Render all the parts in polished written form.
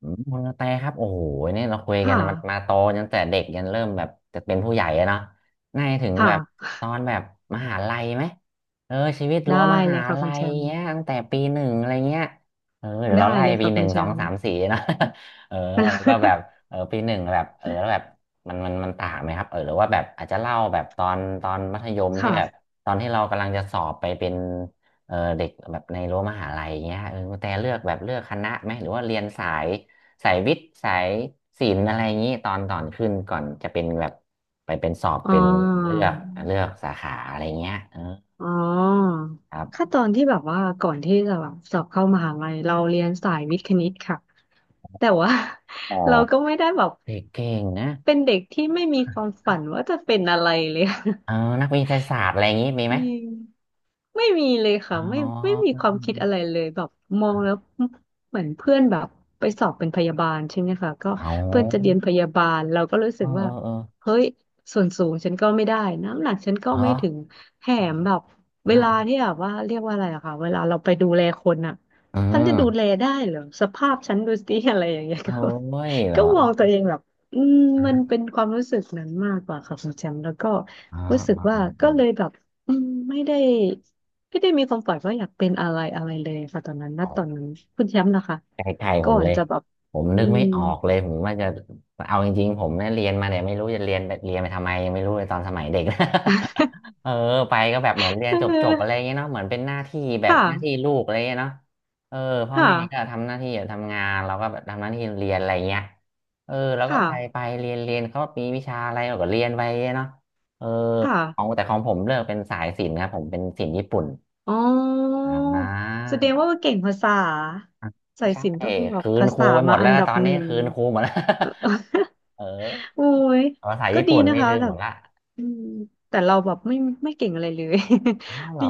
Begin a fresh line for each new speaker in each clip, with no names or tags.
อืมคุณกระแตครับโอ้โหเนี่ยเราคุยกัน
ค่ะ
มาโตจนแต่เด็กยันเริ่มแบบจะเป็นผู้ใหญ่อะเนาะน่าจะถึงแบบ
ค่ะ
ตอนแบบมหาลัยไหมเออชีวิต
ได้
รั้วม
เล
หา
ยค่ะคุ
ลั
ณ
ย
แชมป์
เงี้ยตั้งแต่ปีหนึ่งอะไรเงี้ยเออเดี๋ยว
ได้
เราไล่
เลย
ปี
ค่ะ
ห
คุ
นึ่ง
ณแช
สอง
มป์
สามสี่เนาะ เออแล้วก็แบบ เออปีหนึ่งแบบเออแล้วแบบมันต่างไหมครับเออหรือว่าแบบอาจจะเล่าแบบตอนมัธยมที่แบบ
ค่ะ
ตอนที่เรากำลังจะสอบไปเป็นเออเด็กแบบในรั้วมหาลัยเงี้ยเออแต่เลือกแบบเลือกคณะไหมหรือว่าเรียนสาย สายวิทย์สายศิลป์อะไรอย่างนี้ตอนก่อนขึ้นก่อนจะเป็นแบบไปเป็นสอบ
อ๋อ
เป็นเลือกเลือกสาขาอะไรเงี้ยเออ
อ๋อ
ครั
ขั้น
บ
ตอนที่แบบว่าก่อนที่จะแบบสอบเข้ามหาลัยเราเรียนสายวิทย์คณิตค่ะ แต่ว่า
อ๋
เราก็
อ
ไม่ได้แบบ
เด็กเก่งนะ
เป็นเด็กที่ไม่มีความฝันว่าจะเป็นอะไรเลย
เออนักวิทยาศาสตร์อะไรอย่างนี้มี
จ
ไหม
ริง ไม่มีเลยค่ะ
อ๋
ไม่ไม่
อ
มีความคิดอะไรเลยแบบมองแล้วเหมือนเพื่อนแบบไปสอบเป็นพยาบาลใช่ไหมคะก็
เอา
เพื่อนจะเรียนพยาบาลเราก็รู้
เอ
สึ
อ
ก
เอ
ว่า
อเออ
เฮ้ยส่วนสูงฉันก็ไม่ได้น้ำหนักฉันก็
เหรอ
ไม่ถึงแถมแบบเวลา
อ่ะ
ที่แบบว่าเรียกว่าอะไรอะค่ะเวลาเราไปดูแลคนอะ
อื
ฉันจะ
ม
ดูแลได้เหรอสภาพฉันดูสิ อะไรอย่างเงี้ย
โอ้
ก็
ยเหร
ก็
อ
มองตัวเองแบบอืมมันเป็นความรู้สึกนั้นมากกว่าค่ะคุณแชมป์แล้วก็
อ๋อ
รู้สึก
อ๋อ
ว่าก็เลยแบบไม่ได้ ไม่ได้มีความฝันว่าอยากเป็นอะไรอะไรเลยค่ะตอนนั้นณ
อ๋
ตอน
อ
นั้นคุณแชมป์นะคะ
ใกล้ๆผ
ก่อ
ม
น
เลย
จะแบบ
ผม
อื
นึก
ม
ไม่ออกเลยผมว่าจะเอาจริงๆผมเนี่ยเรียนมาเนี่ยไม่รู้จะเรียนไปทำไมยังไม่รู้เลยตอนสมัยเด็ก เออไปก็แบบเหมือนเรีย
เ
นจบๆอะไรอ
ออ
ย่างเงี้ยเนาะเหมือนเป็นหน้าที่แบบ
ค่ะ
หน้าที่ลูกอะไรอย่างเงี้ยเนาะเออพ่อ
ค่ะ
แม่ก็ทำหน้าที่ทำงานเราก็แบบทำหน้าที่เรียนอะไรอย่างเงี้ยเออแล้ว
ค
ก็ไป
่ะ
เรียนเขามีวิชาอะไรเราก็เรียนไปเนาะเออ
ค
ของ
่ะ
แต่ของผมเลือกเป็นสายศิลป์ครับผมเป็นศิลป์ญี่ปุ่น
อ๋อ
อ่
แสดง
า
ว่าเก่งภาษาสา
ไม่
ย
ใช่
สิญจน์ต้องแบบ
คืน
ภา
ครู
ษา
ไปหม
มา
ดแล้
อั
ว
น
นะ
ดับ
ตอน
ห
นี้
นึ่ง
คืนครูหมดแล้ว
เออ
เออ
โอ้ย
ภาษา
ก็
ญี่
ดี
ปุ่น
นะ
นี่
คะ
ลืม
แบ
หม
บ
ดละ
อืมแต่เราแบบไม่เก่งอะไรเลย
อ้าวเห ร
ดี
อ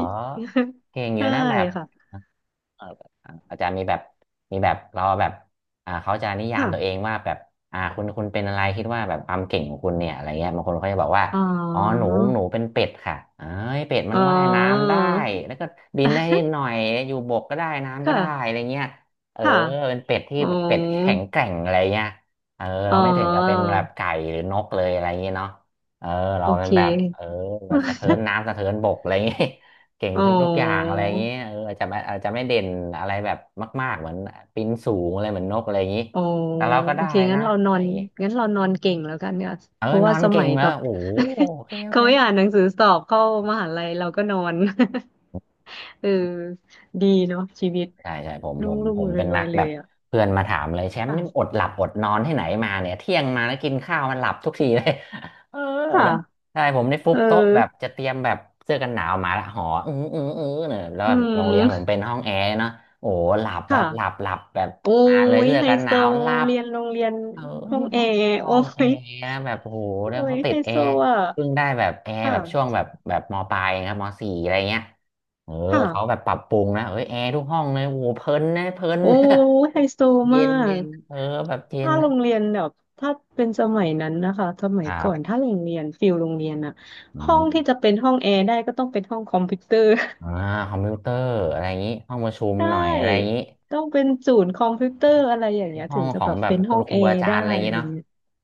เก่ง อยู่
ใช่
นะแบบ
ค่ะ
เออแบบอ่าอาจารย์มีแบบมีแบบเราแบบอ่าเขาจะนิยามตัวเอ
ค่ะ
งว่าแบบอ่าคุณเป็นอะไรคิดว่าแบบความเก่งของคุณเนี่ยอะไรเงี้ยบางคนเขาจะบอกว่า
อ๋อ
อ๋อหนูเป็นเป็ดค่ะเอ้ยเป็ดมั
อ๋
น
อ
ว่ายน้ำได้แล้วก็บินได้นิ ดหน่อยอยู่บกก็ได้น้ำก็
ค่ะ
ได้อะไรเงี้ยเออ
ค่ะ
เป็นเป็ดที่
อ๋อ
แบบเป็ดแข็งแกร่งอะไรเงี้ยเออ
อ๋
เรา
อ
ไม่ถึงกับเป็นแบบไก่หรือนกเลยอะไรเงี้ยเนาะเออเรา
โอ
เป็
เค
นแบบเออแบบสะเทินน้ำสะเทินบกอะไรเงี้ย เก่ง
อ๋อ
ทุกๆอย่างอะไรอย่างนี้เอออาจจะไม่อาจจะไม่เด่นอะไรแบบมากๆเหมือนปีนสูงอะไรเหมือนนกอะไรอย่างนี้
อ๋อ
แต่เราก็
โอ
ได้
เคงั้
นะ
นเราน
อะ
อ
ไรอ
น
ย่างนี้
งั้นเรานอนเก่งแล้วกันเนี่ย
เอ
เพ
อ
ราะ
น
ว่า
อน
ส
เก่
มั
ง
ยแบ
แล้ว
บ
โอ้โหโอเค โอ
เขา
เค
ไม่อ่านหนังสือสอบเข้ามหาลัยเราก็นอน เออดีเนาะชีวิต
ใช่ใช่ผม
รุ่
ผ
ง
ม
รุ่ง
ผม
รว
เป็
ย
น
รว
นั
ย
ก
ๆเล
แบ
ย
บ
อ่ะ
เพื่อนมาถามเลยแชมป์นี่อด
ค่ะ
หลับอดนอนที่ไหนมาเนี่ยเที่ยงมาแล้วกินข้าวมันหลับทุกทีเลย เออนะ
ค่ะ
ใช่ผมได้ฟุ
เอ
บโต๊ะแบบ
อ
จะเตรียมแบบเสื้อกันหนาวมาละหอเนี่ยแล้ว
อื
โรงเรียนผม
ม
เป็นห้องแอร์เนาะโอ้โหหลับ
ค
แบบหลับ
่ะ
หลับแบบ
โอ้
มาเลย
ย
เสื้อ
ไฮ
กันห
โซ
นาวหลับ
เรียนโรงเรียน
เออ
ห้อ
พี่
งแอ
เขา
ร์
ห้อ
โอ้
งแอ
ย
ร์นะแบบโอ้โห
โอ้
แล้ว
ย
เขาติ
ไฮ
ดแอ
โซ
ร์
อ่ะ
เพิ่งได้แบบแอร์แบบช่วง
ค่ะ
แบบมปลายครับมสี่อะไรเงี้ยเออ
ค่ะ
เขาแบบปรับปรุงนะเออแอร์ทุกห้องเลยโอ้โหเพลินนะเพลิน
โอ้
นะ
ไฮโซ
เย็
มา
นเย็
ก
นเออแบบเย็น
ถ้าโร
นะ
งเรียนแบบถ้าเป็นสมัยนั้นนะคะสมั
ค
ย
รั
ก่อน
บ
ถ้าโรงเรียนฟิลโรงเรียนอะ
อื
ห้องที่จะ
ม
เป็นห้องแอร์ได้ก็ต้องเป็นห้องคอมพิวเตอร์
อ่าคอมพิวเตอร์อะไรอย่างนี้ห้องประชุม
ใช
หน่อยอะไรอย่าง
่
นี้
ต้องเป็นศูนย์คอมพิวเตอร์อะไรอย่างเงี้ย
ห้อ
ถึง
ง
จะ
ขอ
แบ
ง
บ
แบบ
เป็น
คุ
ห้อ
ณ
ง
ค
แอ
รูอา
ร์
จาร
ได้
ย์อะไรอย่าง
อะ
นี้
ไร
เนาะ
เงี้ย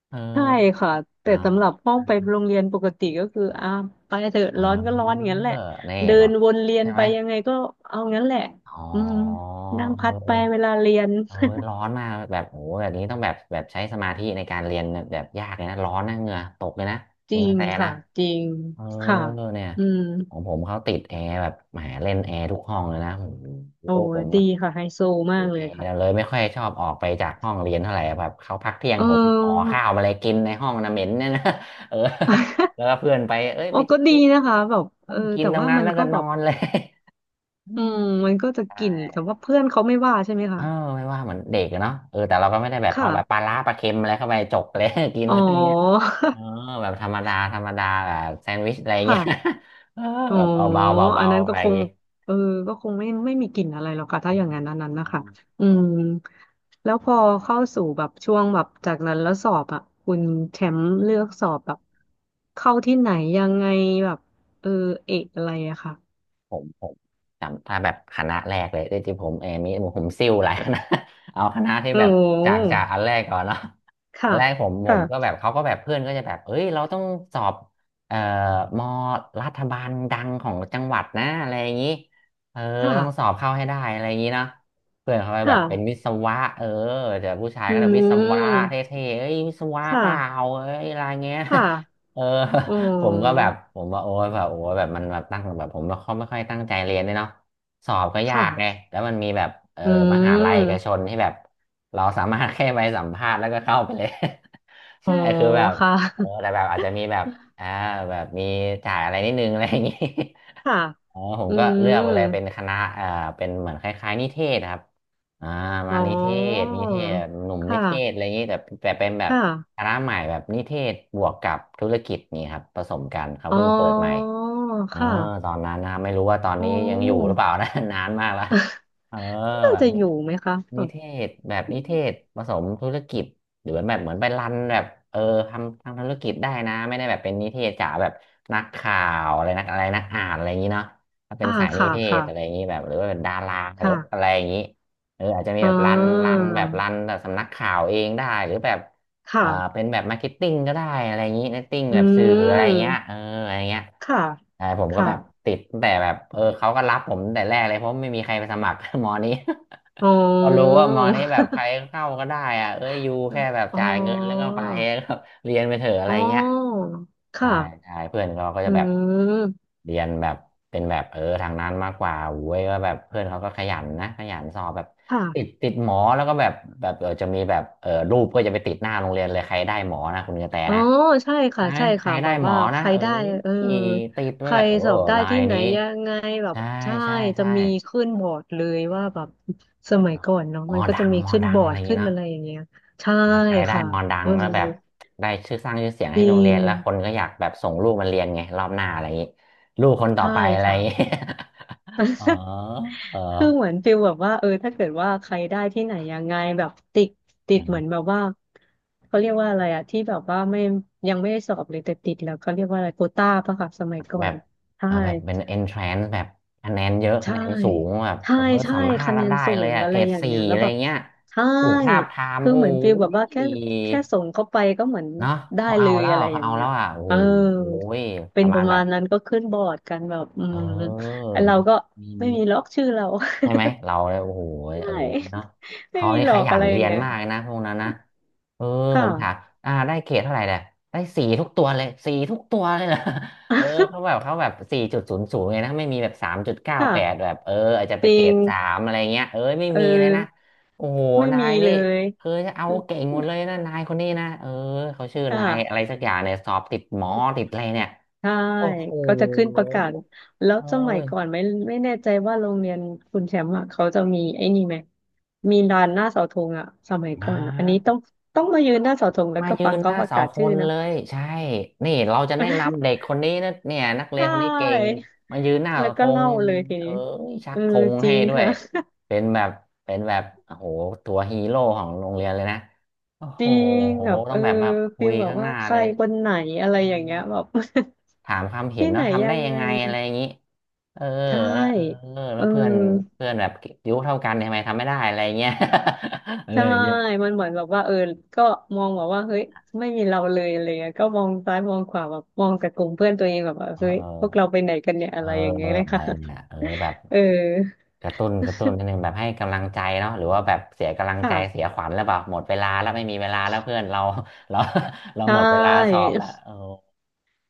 เออ
ใช่ค่ะแต่
เนา
สำหรับห้องไปโรงเรียนปกติก็คืออ่าไปเถอะ
เ
ร้อนก็ร้อน
ออ
งั้นแหละ
นี่
เดิ
เหรอ
นวนเรียน
ใช่
ไป
ไหม
ยังไงก็เอางั้นแหละ
อ๋
อืม
อ
นั่งพั
เอ
ด
อ
ไปเวลาเรียน
เออร้อนมากแบบโอ้โหแบบนี้ต้องแบบใช้สมาธิในการเรียนแบบยากเลยนะร้อนนะเหงื่อตกเลยนะ
จ
เห
ริ
งื่อ
ง
แตก
ค่ะ
นะ
จริง
เออ
ค่ะ
เนี่ย
อืม
ของผมเขาติดแอร์แบบแหมเล่นแอร์ทุกห้องเลยนะโอ้
โอ้
โหผม
ดีค่ะไฮโซมา
ติ
ก
ด
เล
แ
ย
อ
ค่ะ
ร์เลยไม่ค่อยชอบออกไปจากห้องเรียนเท่าไหร่แบบเขาพักเที่ยง
เอ
ผมห่อ
อ
ข้าวมาเลยกินในห้องนะเหม็นเนี่ยนะ เออ แล้วก็เพื่อนไปเอ้ย
โอ้
ไป
ก็ดีนะคะแบบเออ
ไปกิน
แต่
ตรง
ว่า
นั้น
มัน
แล้ว
ก็
ก็
แบ
นอ
บ
นเลย อื
อื
ม
มมันก็จะ
ใช
กลิ่นแต่
่
ว่าเพื่อนเขาไม่ว่าใช่ไหม
เอ
คะ
อไม่ว่าเหมือนเด็กอะเนาะเออแต่เราก็ไม่ได้แบบเอา
ค่ะ
แบบปลาร้าปลาเค็มอะไรเข้าไปจกเลย กิน
อ๋
อะไรเงี้ย
อ
เออแบบธรรมดาธรรมดาแบบแซนด์วิชอะไร เงี้
ค่ะ
ย เออ
อ๋อ
แบบเอาเบาเบา
อั
เบา
นนั้น
อะ
ก็
ไรอ
ค
ย่าง
ง
งี้
เออก็คงไม่มีกลิ่นอะไรหรอกค่ะถ้าอย่างนั้นอันนั้นนะ
อ๋
คะอื
อ
มแล้วพอเข้าสู่แบบช่วงแบบจากนั้นแล้วสอบอ่ะคุณแชมป์เลือกสอบแบบเข้าที่ไหนยังไงแบบเออเอกอะไรอะค่ะ
ผมจำถ้าแบบคณะแรกเลยที่ผมเออมีผมซิ่วหลายคณะ เอาคณะที่แบ
โอ้
บจากอันแรกก่อนเนาะ อั
ค่ะ
นแรกผมก็แบ
ค่ะ
บเขาก็แบบเพื่อนก็จะแบบเอ้ยเราต้องสอบเอ่อมอรัฐบาลดังของจังหวัดนะอะไรอย่างนี้เออ
ค่ะ
ต้องสอบเข้าให้ได้อะไรอย่างนี้เนาะเพื่อนเขาไปแบ
ค่ะ
บเป็นวิศวะเออเดีผู้ชาย
อื
ก็แบบวิศวะเท
ม
่ๆเอ้ยวิศวะ
ค
เปล่า
่ะ
เอ้ยอะไรเงี้ย
ค่ะ
เออ
โอ้
ผมก็แบบผมว่าโอ้ยแบบโอ้ยแบบมันแบบตั้งแบบผมไม่ค่อยตั้งใจเรียนด้วยเนาะสอบก็ยากไง
ค่ะ
แล้วมันมีแบบเออ
อื
มหาลัยเอกช
ม
นที่แบบเราสามารถแค่ไปสัมภาษณ์แล้วก็เข้าไปเลย
อ๋อ
ใช่คือแบบ
ค่ะ
เออแต่แบบอาจจะมีแบบอ่าแบบมีจ่ายอะไรนิดนึงอะไรอย่างงี้
ค่ะ
อ๋อผม
อื
ก็เลือ
ม
กไปเลยเป็นคณะเอ่าเป็นเหมือนคล้ายๆนิเทศครับอ่า
อ๋
มา
อ
นิเทศนิเทศหนุ่ม
ค
นิเทศอะ
่ะ
ไรอย่างนี้แต่แต่เป็นแบบ
ค่ะ
คณะใหม่แบบนิเทศบวกกับธุรกิจนี่ครับผสมกันเขา
อ๋อ
เพิ่งเปิดใหม่ เอ
ค
อต
่ะ
อนนั้นนะไม่รู้ว่าตอน
อ๋อ
นี้ยังอยู่หรือเปล่านะ นานมากละเออ
น่า
แบบ
จะอ
นี้
ยู่ไหมคะแบ
นิ
บ
เทศแบบนิเทศผสมธุรกิจหรือแบบเหมือนไปรันแบบเออทำทางธุรกิจได้นะไม่ได้แบบเป็นนิเทศจ๋าแบบนักข่าวอะไรนักอะไรนักอ่านอะไรอย่างนี้เนาะถ้าเป็
อ่า
นสายนิ
ค่ะ
เทศ
ค่ะ
อะไรอย่างนี้แบบหรือว่าเป็นดาราหรืออะไร
ค่ะ
อย่างนี้เอออาจจะมี
อ่
แบบรันรั
า
นแบบรันแบบสำนักข่าวเองได้หรือแบบ อ่า
ค่ะ
เป็นแบบมาร์เก็ตติ้งก็ได้อะไรอย่างนี้มาร์เก็ตติ้ง
อื
แบบสื่ออะไรเงี้ย
ม
เอออะไรเงี้ย
ค่ะ
ใช่ผมก็
ค่ะ
แบบติดตั้งแต่แบบเออเขาก็รับผมตั้งแต่แรกเลยเพราะไม่มีใครไปสมัคร มอนี้
อ๋อ
ก็รู้ว่ามอนี้แบบใครเข้าก็ได้อ่ะเอ้ยอยู่แค่ แบบ
อ๋อ
จ่ายเงินแล้วก็ไป เรียนไปเถอะอะไร
อ๋อ
เงี้ยใช่
ค่ะ
ใช่เพื่อนเราก็
อื
จะแบบ
ม
เรียนแบบเป็นแบบเออทางนั้นมากกว่าโว้ยก็แบบเพื่อนเขาก็ขยันนะขยันสอบแบบติด
ค่ะ
ติดหมอแล้วก็แบบแบบเออจะมีแบบเออรูปก็จะไปติดหน้าโรงเรียนเลยใครได้หมอนะคุณกระแต
อ๋อ
นะ
ใช่ค่ะ
อ่ะ
ใช่
ใคร
ค่ะแบ
ได้
บ
หม
ว่า
อ
ใค
นะ
ร
เออ
ได้เออ
ติด
ใค
ไว้
ร
แบบโอ้
สอบได้
นา
ที่
ย
ไหน
นี้
ยังไงแบบ
ใช่
ใช่
ใช่
จะ
ใช่
มีขึ้นบอร์ดเลยว่าแบบสมัยก่อนเนาะ
หมอ
มันก็
ดั
จะ
ง
มี
หมอ
ขึ้น
ดั
บ
ง
อ
อะ
ร์
ไร
ด
อย่าง
ขึ้
งี้
น
เนอะ
อะไรอย่างเงี้ยใช่
อ่าใครได้
ค่ะ
มอนดั
เอ
ง
อ
แล้วแบบได้ชื่อสร้างชื่อเสียง
จ
ให้
ริ
โรงเรีย
ง
นแล้วคนก็อยากแบบส่งลูกมาเรียนไงรอบหน้าอะไรอย่างนี้ลูกคนต่อ
ใช่
ไปอะไรอ
ค่ะ
ย่างงี้ อ๋อเออ
คือเหมือนฟิลแบบว่าเออถ้าเกิดว่าใครได้ที่ไหนยังไงแบบติดติดเหมือนแบบว่าเขาเรียกว่าอะไรอะที่แบบว่าไม่ยังไม่ได้สอบเลยแต่ติดแล้วเขาเรียกว่าอะไรโควต้าปะค่ะสมัยก่อ
แบ
น
บ
ใช่
เออแบบเป็น entrance แบบคะแนนเยอะคะ
ใช่
แนนสูงแบบ
ใช่
เออ
ใช่
สัมภาษ
คะ
ณ์แล้
แน
ว
น
ได้
สู
เลย
ง
อะ
อะ
เก
ไร
รด
อย่าง
สี่
เงี้ยแล้
อะ
ว
ไร
แบบ
เงี้ย
ใช่
ถูกทาบทาม
คือ
โอ้
เหมือนฟีลแบบว่าแค่
ย
แค่ส่งเข้าไปก็เหมือน
เนาะ
ได้
เขา
เล
เอา
ย
แล้ว
อะไรอ
เขา
ย่าง
เอา
เงี้
แล้
ย
วอ่ะโอ้
เออ
ย
เป็
ป
น
ระ
ป
มาณ
ระ
แบ
มา
บ
ณนั้นก็ขึ้นบอร์ดกันแบบอื
เอ
ม
อ
ไอ้เราก็
มี
ไม่
มี
มีล็อกชื่อเรา
ใช่ไหมเราเลยโอ้โห
ใช
เออ
่
เนาะ
ไม่
เขา
มี
นี่
หล
ข
อก
ยั
อะ
น
ไรอ
เรี
ย่าง
ยน
เงี้ย
มากเลยนะพวกนั้นนะเออผ
ค่ะ
มถามอ่าได้เกรดเท่าไหร่เนี่ยได้สี่ทุกตัวเลยสี่ทุกตัวเลยเหรอ เออเขาแบบ เขาแบบสี่จุดศูนย์ศูนย์เลยนะไม่มีแบบสามจุดเก้าแปดแบ
ค่ะ
บเอออาจจะไป
จ
เก
ริ
ร
ง
ดสามอะไรเงี้ยเออไม่
เออ
มีเลยนะโอ้โห
ไม่
นา
มี
ยนี่
เลย
คือจะเอาเก่งหมดเลยนะนายคนนี้นะเออเขาชื่อนายอะไร
ค่ะ
สักอย่างเนี่ยสอบติดหมอติดอะไรเนี่ย
ใช่
โอ้โห
ก็จะขึ้นประกาศ แล้ว
เอ
สมัยก่อน
อ
ไม่แน่ใจว่าโรงเรียนคุณแชมป์อ่ะเขาจะมีไอ้นี่ไหมมีลานหน้าเสาธงอ่ะสมัย
อ่
ก่อนอะอันนี้
า
ต้องมายืนหน้าเสาธงแล้ว
มา
ก็
ยื
ฟัง
นห
เขา
น้า
ประ
เสา
กาศ
ค
ชื่อ
น
นะ
เลยใช่นี่เราจะแนะนำเด็กคนนี้นะเนี่ยนัก เรี
ใช
ยนคนนี้เก่ง
่
มายืนหน้า
แล้ว
ธ
ก็
ง
เล่าเลยที
เออ
นี้
ชั
เอ
ก
อ
ธง
จ
ให้
ริง
ด้วย
ค่ะ
เป็นแบบเป็นแบบโอ้โหตัวฮีโร่ของโรงเรียนเลยนะโอ้
จ
โห
ริงแบบ
ต้
เอ
อง
อ
แบบมาคุ
ฟี
ย
ลแบบ
ข้างห
ว่า
น้า
ใค
เล
ร
ย
คนไหนอะไร
อื
อย่า
ม
งเงี้ยแบบ
ถามความ เห็น
ที่ไหน
เนาะทำ
ยั
ได้
ง
ยั
ไง
งไงอะไรอย่างนี้เออ
ใช่
แล้วเออ
เอ
แล้
อ
วเพื่อนเพื่อนแบบอายุเท่ากันเนี่ยทำไมทำไม่ได้อะไรอย่างเงี้ย อะไร
ใช่
อย่างเงี้ย
มันเหมือนแบบว่าเออก็มองแบบว่าเฮ้ยไม่มีเราเลยอะไรเงี้ยก็มองซ้ายมองขวาแบบมองกับกลุ่มเพื่อนตัวเองแบบว่า
เ
เฮ้ยพวกเรา
ออ
ไปไหนกันเนี่ย
เอ
อะ
อ
ไรอย่างเงี้ยเลย
อะไร
ค่ะ
เนี่ยเออแบบ
เออ
กระตุ้นนิดนึงแบบให้กำลังใจเนาะหรือว่าแบบเสียกำลังใจเสีย
ค่ะ
ขวัญแล้วเปล่าหมดเวลาแล้วไม่มีเวลาแล้วเพื่อนเรา เรา เรา
ใช
หมดเวลาส
่
อบแล้วเออ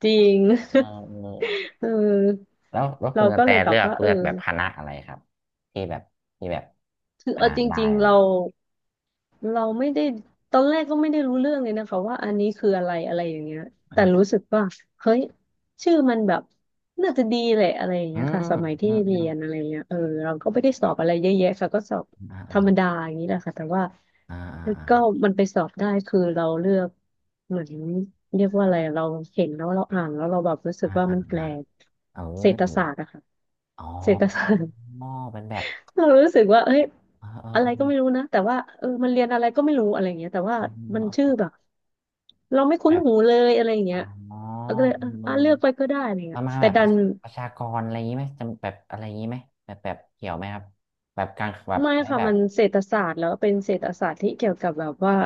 จริง
เออเออ
เออ
แล้วคุ
เรา
ณกระ
ก็
แต
เลยแบ
เลื
บ
อก
ว่าเอ
เลือก
อ
แบบคณะอะไรครับที่แบบที่แบบ
คือ
อ่า
เออจ
ได้
ริงๆเรา เราไม่ได้ตอนแรกก็ไม่ได้รู้เรื่องเลยนะคะว่าอันนี้คืออะไรอะไรอย่างเงี้ย
อ่
แต่
า
รู้สึกว่าเฮ้ยชื่อมันแบบน่าจะดีแหละอะไรอย่าง
อื
เงี้ย
ม
ค่ะสมัย
อื
ที่
มอืม
เรียนอะไรเงี้ยเราก็ไม่ได้สอบอะไรเยอะแยะค่ะก็สอบ
อ่า
ธร
อ่า
รมดาอย่างนี้แหละค่ะแต่ว่า
อ่าอ่า
แล้ว
อ่า
ก็มันไปสอบได้คือเราเลือกเหมือนเรียก
ค
ว่า
รั
อะไร
บ
เราเห็นแล้วเราอ่านแล้วเราแบบรู้สึ
อ่า
กว่า
อ่า
มันแปล
อ่า
ก
เอ
เศรษฐศา
อ
สตร์อะค่ะ
อ๋
เศรษฐ
อ
ศาสตร์
เป็นแบบ
เรารู้สึกว่าเอ้ย
เออเออ
อะ
เอ
ไร
อ
ก็ไม่รู้นะ แต่ว่ามันเรียนอะไรก็ไม่รู้อะไรอย่างเงี้ยแต่ว่ามันชื่อแบบเราไม่คุ้
แบ
น
บ
หูเลยอะไรอย่าง
อ๋อ
เงี้ยเราก็เลยอ่ะเลือกไปก็ได้อะไร
ป
เงี้ย
ระมาณ
แต่
แบบ
ดัน
ประชากรอะไรอย่างนี้ไหมจำแบบอะไรอย่างนี้ไหมแบบเกี่ยวไหมครับ แบบการแบบ
ไม่
ใช้
ค่ะ
แบ
มั
บ
นเศรษฐศาสตร์แล้วเป็นเศรษฐศาสตร์ที่เกี่ยวกับแบบว่า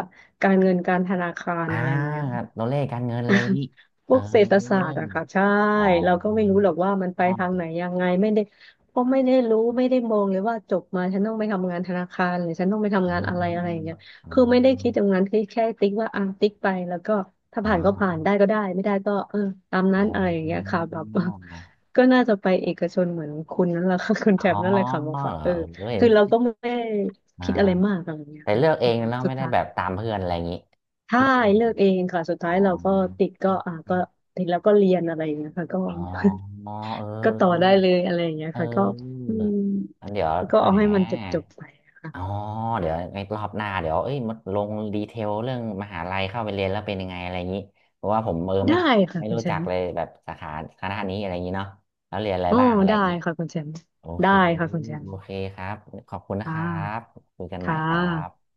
การเงินการธนาคาร
อ่า
อะไรอย่างเงี้ย
ัตัวเลขการเงินอะไรอย่างนี้
พ
เอ
ว
อ
กเศรษฐศาสตร์อะค่ะใช่
อ๋อ
เราก็ไม่รู้หรอกว่ามันไป
อ๋อ
ทางไหนยังไงไม่ได้ก็ไม่ได้รู้ไม่ได้มองเลยว่าจบมาฉันต้องไปทำงานธนาคารหรือฉันต้องไป
อ๋
ทำ
อ
งานอะไรอะไรอย่างเงี้ย
อ๋อ
คือไม่ได้คิดตรงนั้นคือแค่ติ๊กว่าอ่ะติ๊กไปแล้วก็ถ้า
อ๋
ผ่านก็ผ่า
อ
นได้ก็ได้ไม่ได้ก็เออตามนั้
อ๋
น
อ
อะไรอย่างเงี้ยค่ะแบบ ก็น่าจะไปเอกชนเหมือนคุณนั่นแหละค่ะคุณ
อ๋
แถบ
อเ
นั่นเลยค่ะบ
หร
อก
อ
ว่าเออ
เออเห็
คื
น
อ
ทุ
เรา
ก
ก็ไม่ได้
อ่า
คิดอะไรมากอะไรอย่างเงี้ย
แต่
ค่ะ
เลือกเอ
อื
ง
ม
แล้ว
สุด
ไม่ได้
ท้า
แบบ
ย
ตามเพื่อนอะไรอย่างนี้
ใช่
เลือกเอง
เลือกเองค่ะสุด
อ๋อ
ท้ายเราก็ติดก็อ่าก็ติดแล้วก็เรียนอะไรอย่างเงี้ยค่ะก็
อ๋อเออ
ก็ต่อได้เลยอะไรอย่างเงี้ย
เอ
ค่ะก็
อ
อืม
งั้นเดี๋ยว
ก็
แหม
เอาให้มันจบจบไปค่ะ
อ๋อ
อ่า
เดี๋ยวในรอบหน้าเดี๋ยวเอ้ยมาลงดีเทลเรื่องมหาลัยเข้าไปเรียนแล้วเป็นยังไงอะไรอย่างนี้เพราะว่าผมเออไม่
ได้ค่ะ
ไม่
คุณ
รู้
แช
จั
ม
ก
ป์
เลยแบบสาขาคณะนี้อะไรอย่างนี้เนาะแล้วเรียนอะไร
อ๋อ
บ้างอะไรอ
ได้
ย่างนี้
ค่ะคุณแชมป์
โอเค
ได้ค่ะคุณแชม
โอ
ป์
เคครับขอบคุณนะ
อ่
ครับ
า
คุยกันใหม่
ค่
ครั
ะ
บ